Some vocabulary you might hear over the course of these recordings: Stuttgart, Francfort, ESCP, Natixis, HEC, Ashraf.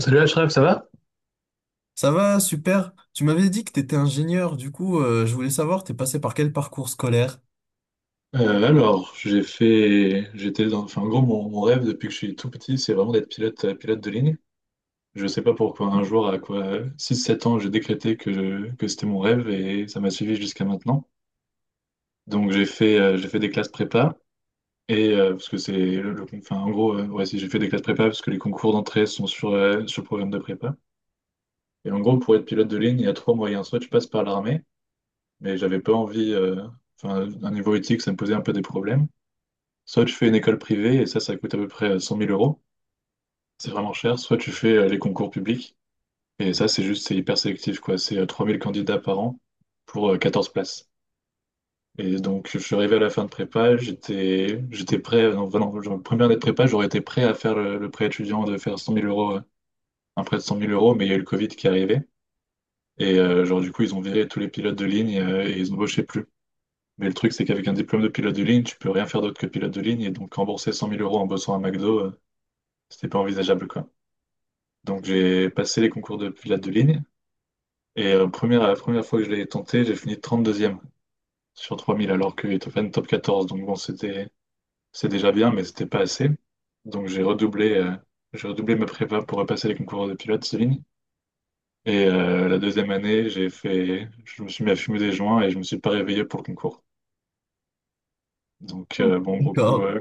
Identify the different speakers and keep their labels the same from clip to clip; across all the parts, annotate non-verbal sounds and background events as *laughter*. Speaker 1: Salut Ashraf, ça va?
Speaker 2: Ça va, super. Tu m'avais dit que tu étais ingénieur, du coup, je voulais savoir, t'es passé par quel parcours scolaire?
Speaker 1: J'ai en gros, mon rêve depuis que je suis tout petit, c'est vraiment d'être pilote, pilote de ligne. Je sais pas pourquoi, un jour, à quoi, six sept ans, j'ai décrété que c'était mon rêve et ça m'a suivi jusqu'à maintenant. Donc, j'ai fait des classes prépa parce que c'est le- enfin, en gros, ouais, si j'ai fait des classes prépa parce que les concours d'entrée sont sur le programme de prépa. Et donc, je passe par l'armée, mais, euh, politique, problème. Soit tu fais une école privée et ça coûte à peu près zéro. C'est vraiment cher. Soit tu fais les concours publics. Et ça, c'est juste, c'est hyper sélectif, quoi. C'est 3 000 candidats par an pour 14 places. Et donc, je suis arrivé à la fin de prépa, j'étais prêt, non, non, genre, première année de prépa, j'aurais été prêt à faire le prêt étudiant de faire 100 000 euros, un prêt de 100 000 euros, mais il y a eu le Covid qui est arrivé. Du coup, ils ont viré tous les pilotes de ligne et ils embauchaient plus. Mais le truc, c'est qu'avec un diplôme de pilote de ligne, tu peux rien faire d'autre que pilote de ligne. Et donc, rembourser 100 000 euros en bossant à McDo, c'était pas envisageable, quoi. Donc, j'ai passé les concours de pilote de ligne. La première fois que je l'ai tenté, j'ai fini 32e sur 3 000, alors que Beethoven top 14. Donc bon, c'est déjà bien, mais c'était pas assez. Donc j'ai redoublé ma prépa pour repasser les concours de pilote Céline. La deuxième année, je me suis mis à fumer des joints et je me suis pas réveillé pour le concours. Donc bon, gros coup,
Speaker 2: D'accord.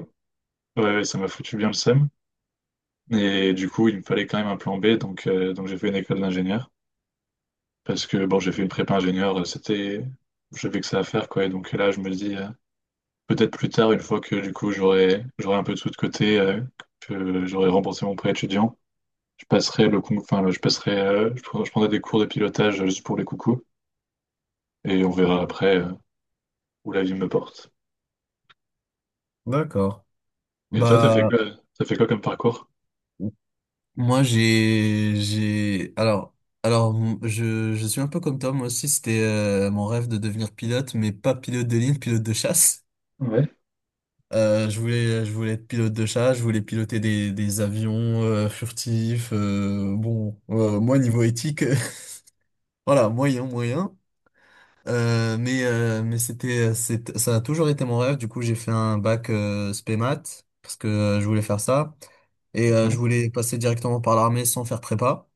Speaker 1: ouais, ouais, ça m'a foutu bien le seum. Et du coup, il me fallait quand même un plan B, donc j'ai fait une école d'ingénieur parce que bon, j'ai fait une prépa ingénieur, j'avais que ça à faire quoi. Et donc là, je me dis. Peut-être plus tard, une fois que du coup j'aurai un peu de sous de côté, que j'aurai remboursé mon prêt étudiant, je passerai le con- enfin, je passerai, je, prends- je prendrai des cours de pilotage juste pour les coucous et on verra après où la vie me porte.
Speaker 2: D'accord.
Speaker 1: Et toi,
Speaker 2: Bah,
Speaker 1: t'as fait quoi comme parcours?
Speaker 2: moi, j'ai, alors, m- je suis un peu comme toi, moi aussi, c'était mon rêve de devenir pilote, mais pas pilote de ligne, pilote de chasse.
Speaker 1: Ouais,
Speaker 2: Je voulais être pilote de chasse, je voulais piloter des avions furtifs. Bon, moi, niveau éthique, *laughs* voilà, moyen, moyen. Mais ça a toujours été mon rêve. Du coup, j'ai fait un bac spé maths parce que je voulais faire ça. Et je
Speaker 1: ouais.
Speaker 2: voulais passer directement par l'armée sans faire prépa.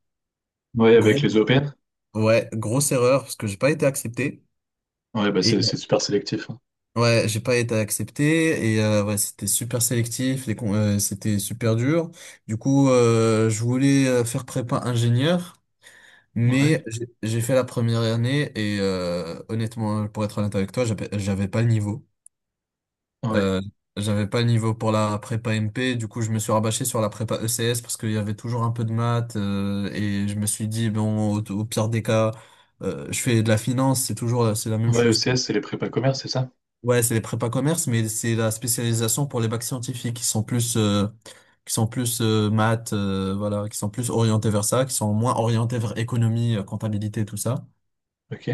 Speaker 1: Ouais,
Speaker 2: Gros,
Speaker 1: avec les EPN?
Speaker 2: ouais, grosse erreur parce que j'ai pas été accepté.
Speaker 1: Ouais, bah
Speaker 2: Et
Speaker 1: c'est super sélectif, hein.
Speaker 2: ouais, j'ai pas été accepté et ouais, c'était super sélectif, c'était super dur. Du coup, je voulais faire prépa ingénieur,
Speaker 1: Ouais,
Speaker 2: mais j'ai fait la première année et honnêtement, pour être honnête avec toi, j'avais pas le niveau.
Speaker 1: ouais.
Speaker 2: Euh, J'avais pas le niveau pour la prépa MP, du coup je me suis rabâché sur la prépa ECS parce qu'il y avait toujours un peu de maths et je me suis dit bon au pire des cas je fais de la finance, c'est toujours c'est la même
Speaker 1: Ouais,
Speaker 2: chose que
Speaker 1: ECS, c'est les prépas commerce, c'est ça?
Speaker 2: ouais c'est les prépas commerce mais c'est la spécialisation pour les bacs scientifiques qui sont plus maths voilà qui sont plus orientés vers ça, qui sont moins orientés vers économie, comptabilité tout ça.
Speaker 1: Ok.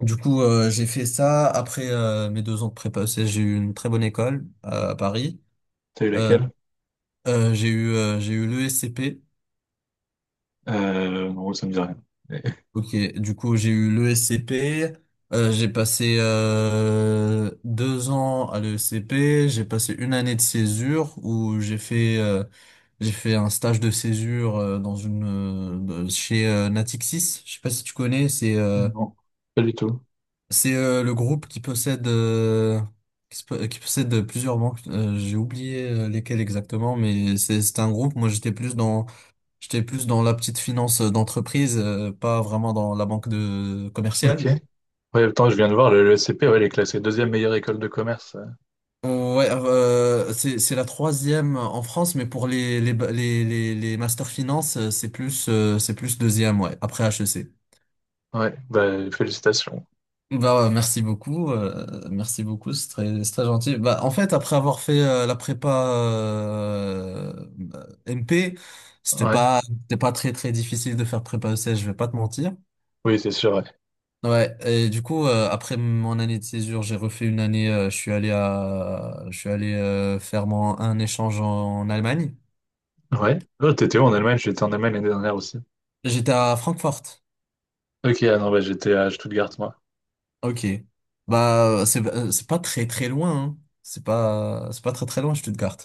Speaker 2: Du coup, j'ai fait ça. Après mes deux ans de prépa ECS, j'ai eu une très bonne école à Paris.
Speaker 1: T'as eu
Speaker 2: Euh,
Speaker 1: lesquelles?
Speaker 2: J'ai eu l'ESCP.
Speaker 1: En gros, ça me dit rien. *laughs*
Speaker 2: Ok, du coup j'ai eu l'ESCP. J'ai passé deux ans à l'ESCP. J'ai passé une année de césure où j'ai fait un stage de césure chez Natixis. Je sais pas si tu connais.
Speaker 1: Non, pas du tout.
Speaker 2: C'est le groupe qui possède qui possède plusieurs banques. J'ai oublié lesquelles exactement, mais c'est un groupe. Moi j'étais plus dans J'étais plus dans la petite finance d'entreprise, pas vraiment dans la banque de
Speaker 1: Ok.
Speaker 2: commerciale.
Speaker 1: Ouais, attends, je viens de voir, le SCP, ouais, il est classé deuxième meilleure école de commerce, euh.
Speaker 2: C'est la troisième en France, mais pour les master finance, c'est plus deuxième, ouais, après HEC.
Speaker 1: Ouais, bah, félicitations.
Speaker 2: Bah ouais, merci beaucoup, c'est très gentil. Bah en fait, après avoir fait la prépa euh, MP,
Speaker 1: Ouais,
Speaker 2: c'était pas très très difficile de faire prépa ECS, je vais pas te mentir.
Speaker 1: oui, c'est sûr, ouais.
Speaker 2: Ouais, et du coup, après mon année de césure, j'ai refait une année, je suis allé faire un échange en Allemagne.
Speaker 1: Ouais. Oh, t'étais où en Allemagne? J'étais en Allemagne l'année dernière aussi.
Speaker 2: J'étais à Francfort.
Speaker 1: Ok, ah non, bah, j'étais à Stuttgart, moi.
Speaker 2: Ok. Bah, c'est pas très très loin, hein. C'est pas très très loin, Stuttgart.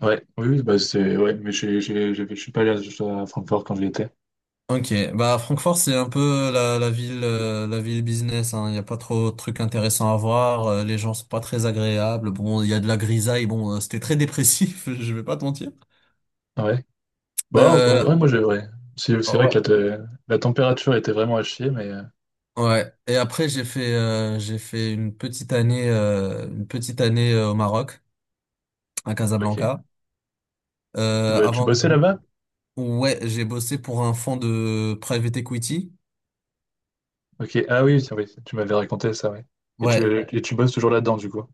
Speaker 1: Ouais, oui, oui, bah, c'est, ouais, mais je suis pas allé à Francfort quand j'y étais.
Speaker 2: Ok. Bah, Francfort, c'est un peu la ville business, hein. Il y a pas trop de trucs intéressants à voir. Les gens sont pas très agréables. Bon, il y a de la grisaille. Bon, c'était très dépressif, *laughs* je vais pas te mentir.
Speaker 1: Ouais.
Speaker 2: Euh,
Speaker 1: Ouais. C'est vrai que la température était vraiment à chier, mais,
Speaker 2: Ouais. Et après, j'ai fait une petite année, au Maroc, à Casablanca.
Speaker 1: ok. Tu
Speaker 2: Avant
Speaker 1: bossais
Speaker 2: de...
Speaker 1: là-bas?
Speaker 2: Ouais, j'ai bossé pour un fonds de private equity.
Speaker 1: Ok, ah oui, c'est- oui, tu m'avais raconté ça, ouais. Et tu,
Speaker 2: Ouais,
Speaker 1: et tu bosses toujours là-dedans, du coup.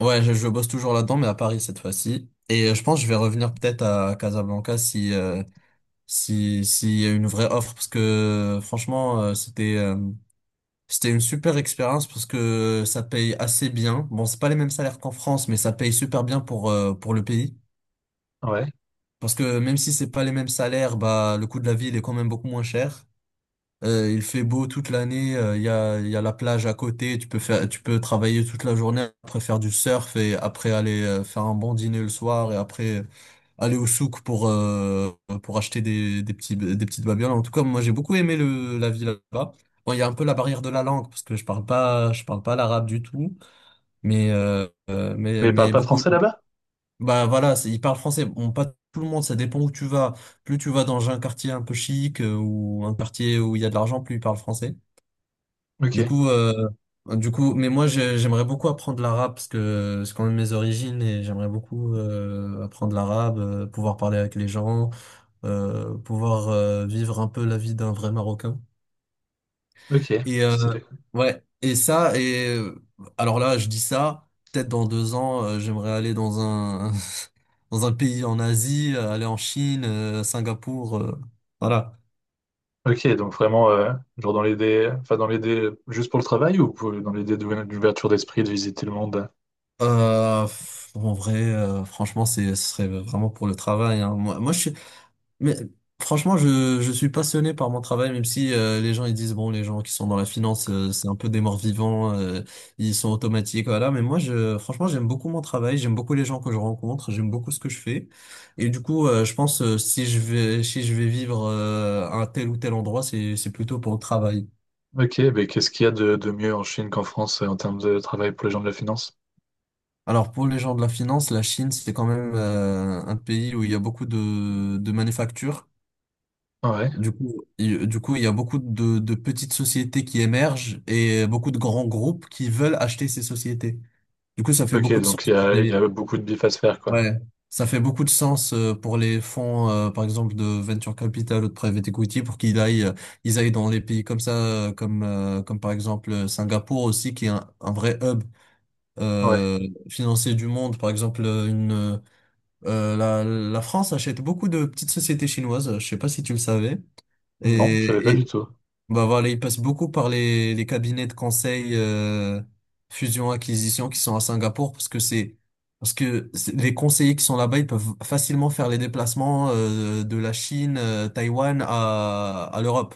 Speaker 2: je bosse toujours là-dedans, mais à Paris cette fois-ci. Et je pense que je vais revenir peut-être à Casablanca si, s'il y a une vraie offre, parce que c'était une super expérience parce que ça paye assez bien. Bon, c'est pas les mêmes salaires qu'en France, mais ça paye super bien pour le pays.
Speaker 1: Ouais.
Speaker 2: Parce que même si c'est pas les mêmes salaires, bah le coût de la vie il est quand même beaucoup moins cher. Il fait beau toute l'année, il y a la plage à côté, tu peux travailler toute la journée, après faire du surf et après aller faire un bon dîner le soir et après aller au souk pour acheter des petites babioles. En tout cas, moi j'ai beaucoup aimé le la vie là-bas. Bon, il y a un peu la barrière de la langue parce que je parle pas l'arabe du tout, mais
Speaker 1: Mais ils parlent
Speaker 2: mais
Speaker 1: pas
Speaker 2: beaucoup
Speaker 1: français là-bas?
Speaker 2: bah voilà, c'est- ils parlent français. Bon, pas tout le monde, ça dépend où tu vas. Plus tu vas dans un quartier un peu chic ou un quartier où il y a de l'argent, plus ils parlent français. Du
Speaker 1: Ok.
Speaker 2: coup, euh, J'aimerais beaucoup apprendre l'arabe parce que c'est quand même mes origines et j'aimerais beaucoup apprendre l'arabe, pouvoir parler avec les gens, pouvoir vivre un peu la vie d'un vrai Marocain.
Speaker 1: Ok,
Speaker 2: Et
Speaker 1: stylé.
Speaker 2: ouais, et ça, et euh, alors là, je dis ça, peut-être dans deux ans, j'aimerais aller dans un *laughs* dans un pays en Asie, aller en Chine, Singapour, voilà.
Speaker 1: Ok, donc vraiment, dans l'idée juste pour le travail dans l'idée d'ouverture d'esprit, de visiter le monde?
Speaker 2: Pff, en vrai, franchement, c'est ce serait vraiment pour le travail. Hein. Moi, moi, je suis Mais franchement, je suis passionné par mon travail, même si les gens ils disent, bon, les gens qui sont dans la finance, c'est un peu des morts vivants, ils sont automatiques, voilà. Mais moi, je, franchement, j'aime beaucoup mon travail, j'aime beaucoup les gens que je rencontre, j'aime beaucoup ce que je fais. Et du coup, je pense, si je vais, si je vais vivre à un tel ou tel endroit, c'est plutôt pour le travail.
Speaker 1: Ok, mais qu'est-ce qu'il y a de mieux en Chine qu'en France en termes de travail pour les gens de la finance?
Speaker 2: Alors pour les gens de la finance, la Chine, c'est quand même un pays où il y a beaucoup de manufactures.
Speaker 1: Ah ouais.
Speaker 2: Du coup, il y a beaucoup de petites sociétés qui émergent et beaucoup de grands groupes qui veulent acheter ces sociétés. Du coup, ça fait
Speaker 1: Ok,
Speaker 2: beaucoup de sens.
Speaker 1: donc il y a beaucoup de bif à se faire, quoi.
Speaker 2: Ouais, ça fait beaucoup de sens pour les fonds, par exemple, de venture capital ou de private equity pour qu'ils aillent, ils aillent dans les pays comme ça, comme par exemple Singapour aussi, qui est un vrai hub
Speaker 1: Ah ouais.
Speaker 2: euh, financier du monde. Par exemple, la France achète beaucoup de petites sociétés chinoises. Je sais pas si tu le savais.
Speaker 1: Non, je savais pas du
Speaker 2: Et
Speaker 1: tout.
Speaker 2: bah voilà, ils passent beaucoup par les cabinets de conseil fusion-acquisition qui sont à Singapour parce que c'est- les conseillers qui sont là-bas, ils peuvent facilement faire les déplacements de la Chine, Taïwan à l'Europe.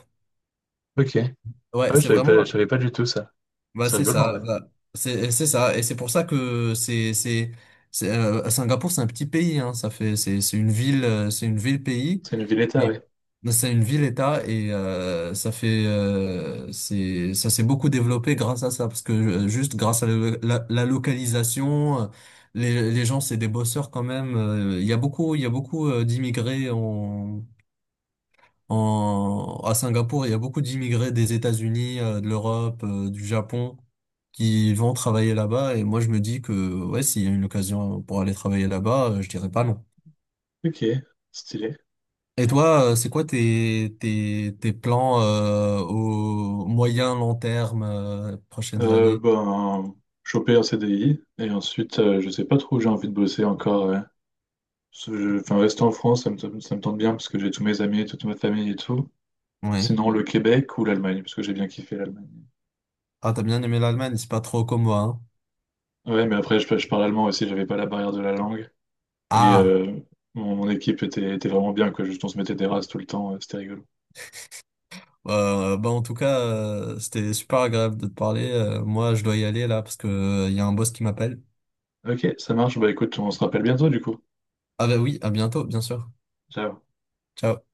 Speaker 1: Ok. Ah
Speaker 2: Ouais,
Speaker 1: ouais,
Speaker 2: c'est
Speaker 1: je
Speaker 2: vraiment
Speaker 1: savais pas du tout ça. C'est
Speaker 2: c'est
Speaker 1: rigolo en
Speaker 2: ça,
Speaker 1: vrai.
Speaker 2: bah, c'est ça et c'est pour ça que c'est, Singapour, c'est un petit pays hein, ça fait c'est une ville c'est une ville-pays
Speaker 1: C'est une ville-État,
Speaker 2: et-
Speaker 1: ouais.
Speaker 2: c'est une ville-État et ça fait c'est ça s'est beaucoup développé grâce à ça parce que juste grâce à la localisation les gens c'est des bosseurs quand même il y a beaucoup d'immigrés en, en à Singapour il y a beaucoup d'immigrés des États-Unis de l'Europe du Japon qui vont travailler là-bas et moi je me dis que ouais s'il y a une occasion pour aller travailler là-bas je dirais pas non.
Speaker 1: Ok, stylé.
Speaker 2: Et toi, c'est quoi tes, tes, tes plans au moyen, long terme, prochaines
Speaker 1: Euh,
Speaker 2: années?
Speaker 1: ben, choper un CDI et ensuite, je sais pas trop où j'ai envie de bosser encore, ouais. Parce que je- Enfin, Rester en France, ça me, ça me tente bien parce que j'ai tous mes amis, toute ma famille et tout.
Speaker 2: Oui.
Speaker 1: Sinon, le Québec ou l'Allemagne, parce que j'ai bien kiffé l'Allemagne.
Speaker 2: Ah, t'as bien aimé l'Allemagne, c'est pas trop comme moi. Hein.
Speaker 1: Ouais, mais après, je parle allemand aussi, j'avais pas la barrière de la langue. Et
Speaker 2: Ah,
Speaker 1: euh, mon équipe était vraiment bien, quoi. Juste, on se mettait des races tout le temps, c'était rigolo.
Speaker 2: Bah en tout cas, c'était super agréable de te parler. Moi, je dois y aller là parce que y a un boss qui m'appelle.
Speaker 1: Ok, ça marche. Bah écoute, on se rappelle bientôt du coup.
Speaker 2: Ah bah oui, à bientôt, bien sûr.
Speaker 1: Ciao.
Speaker 2: Ciao.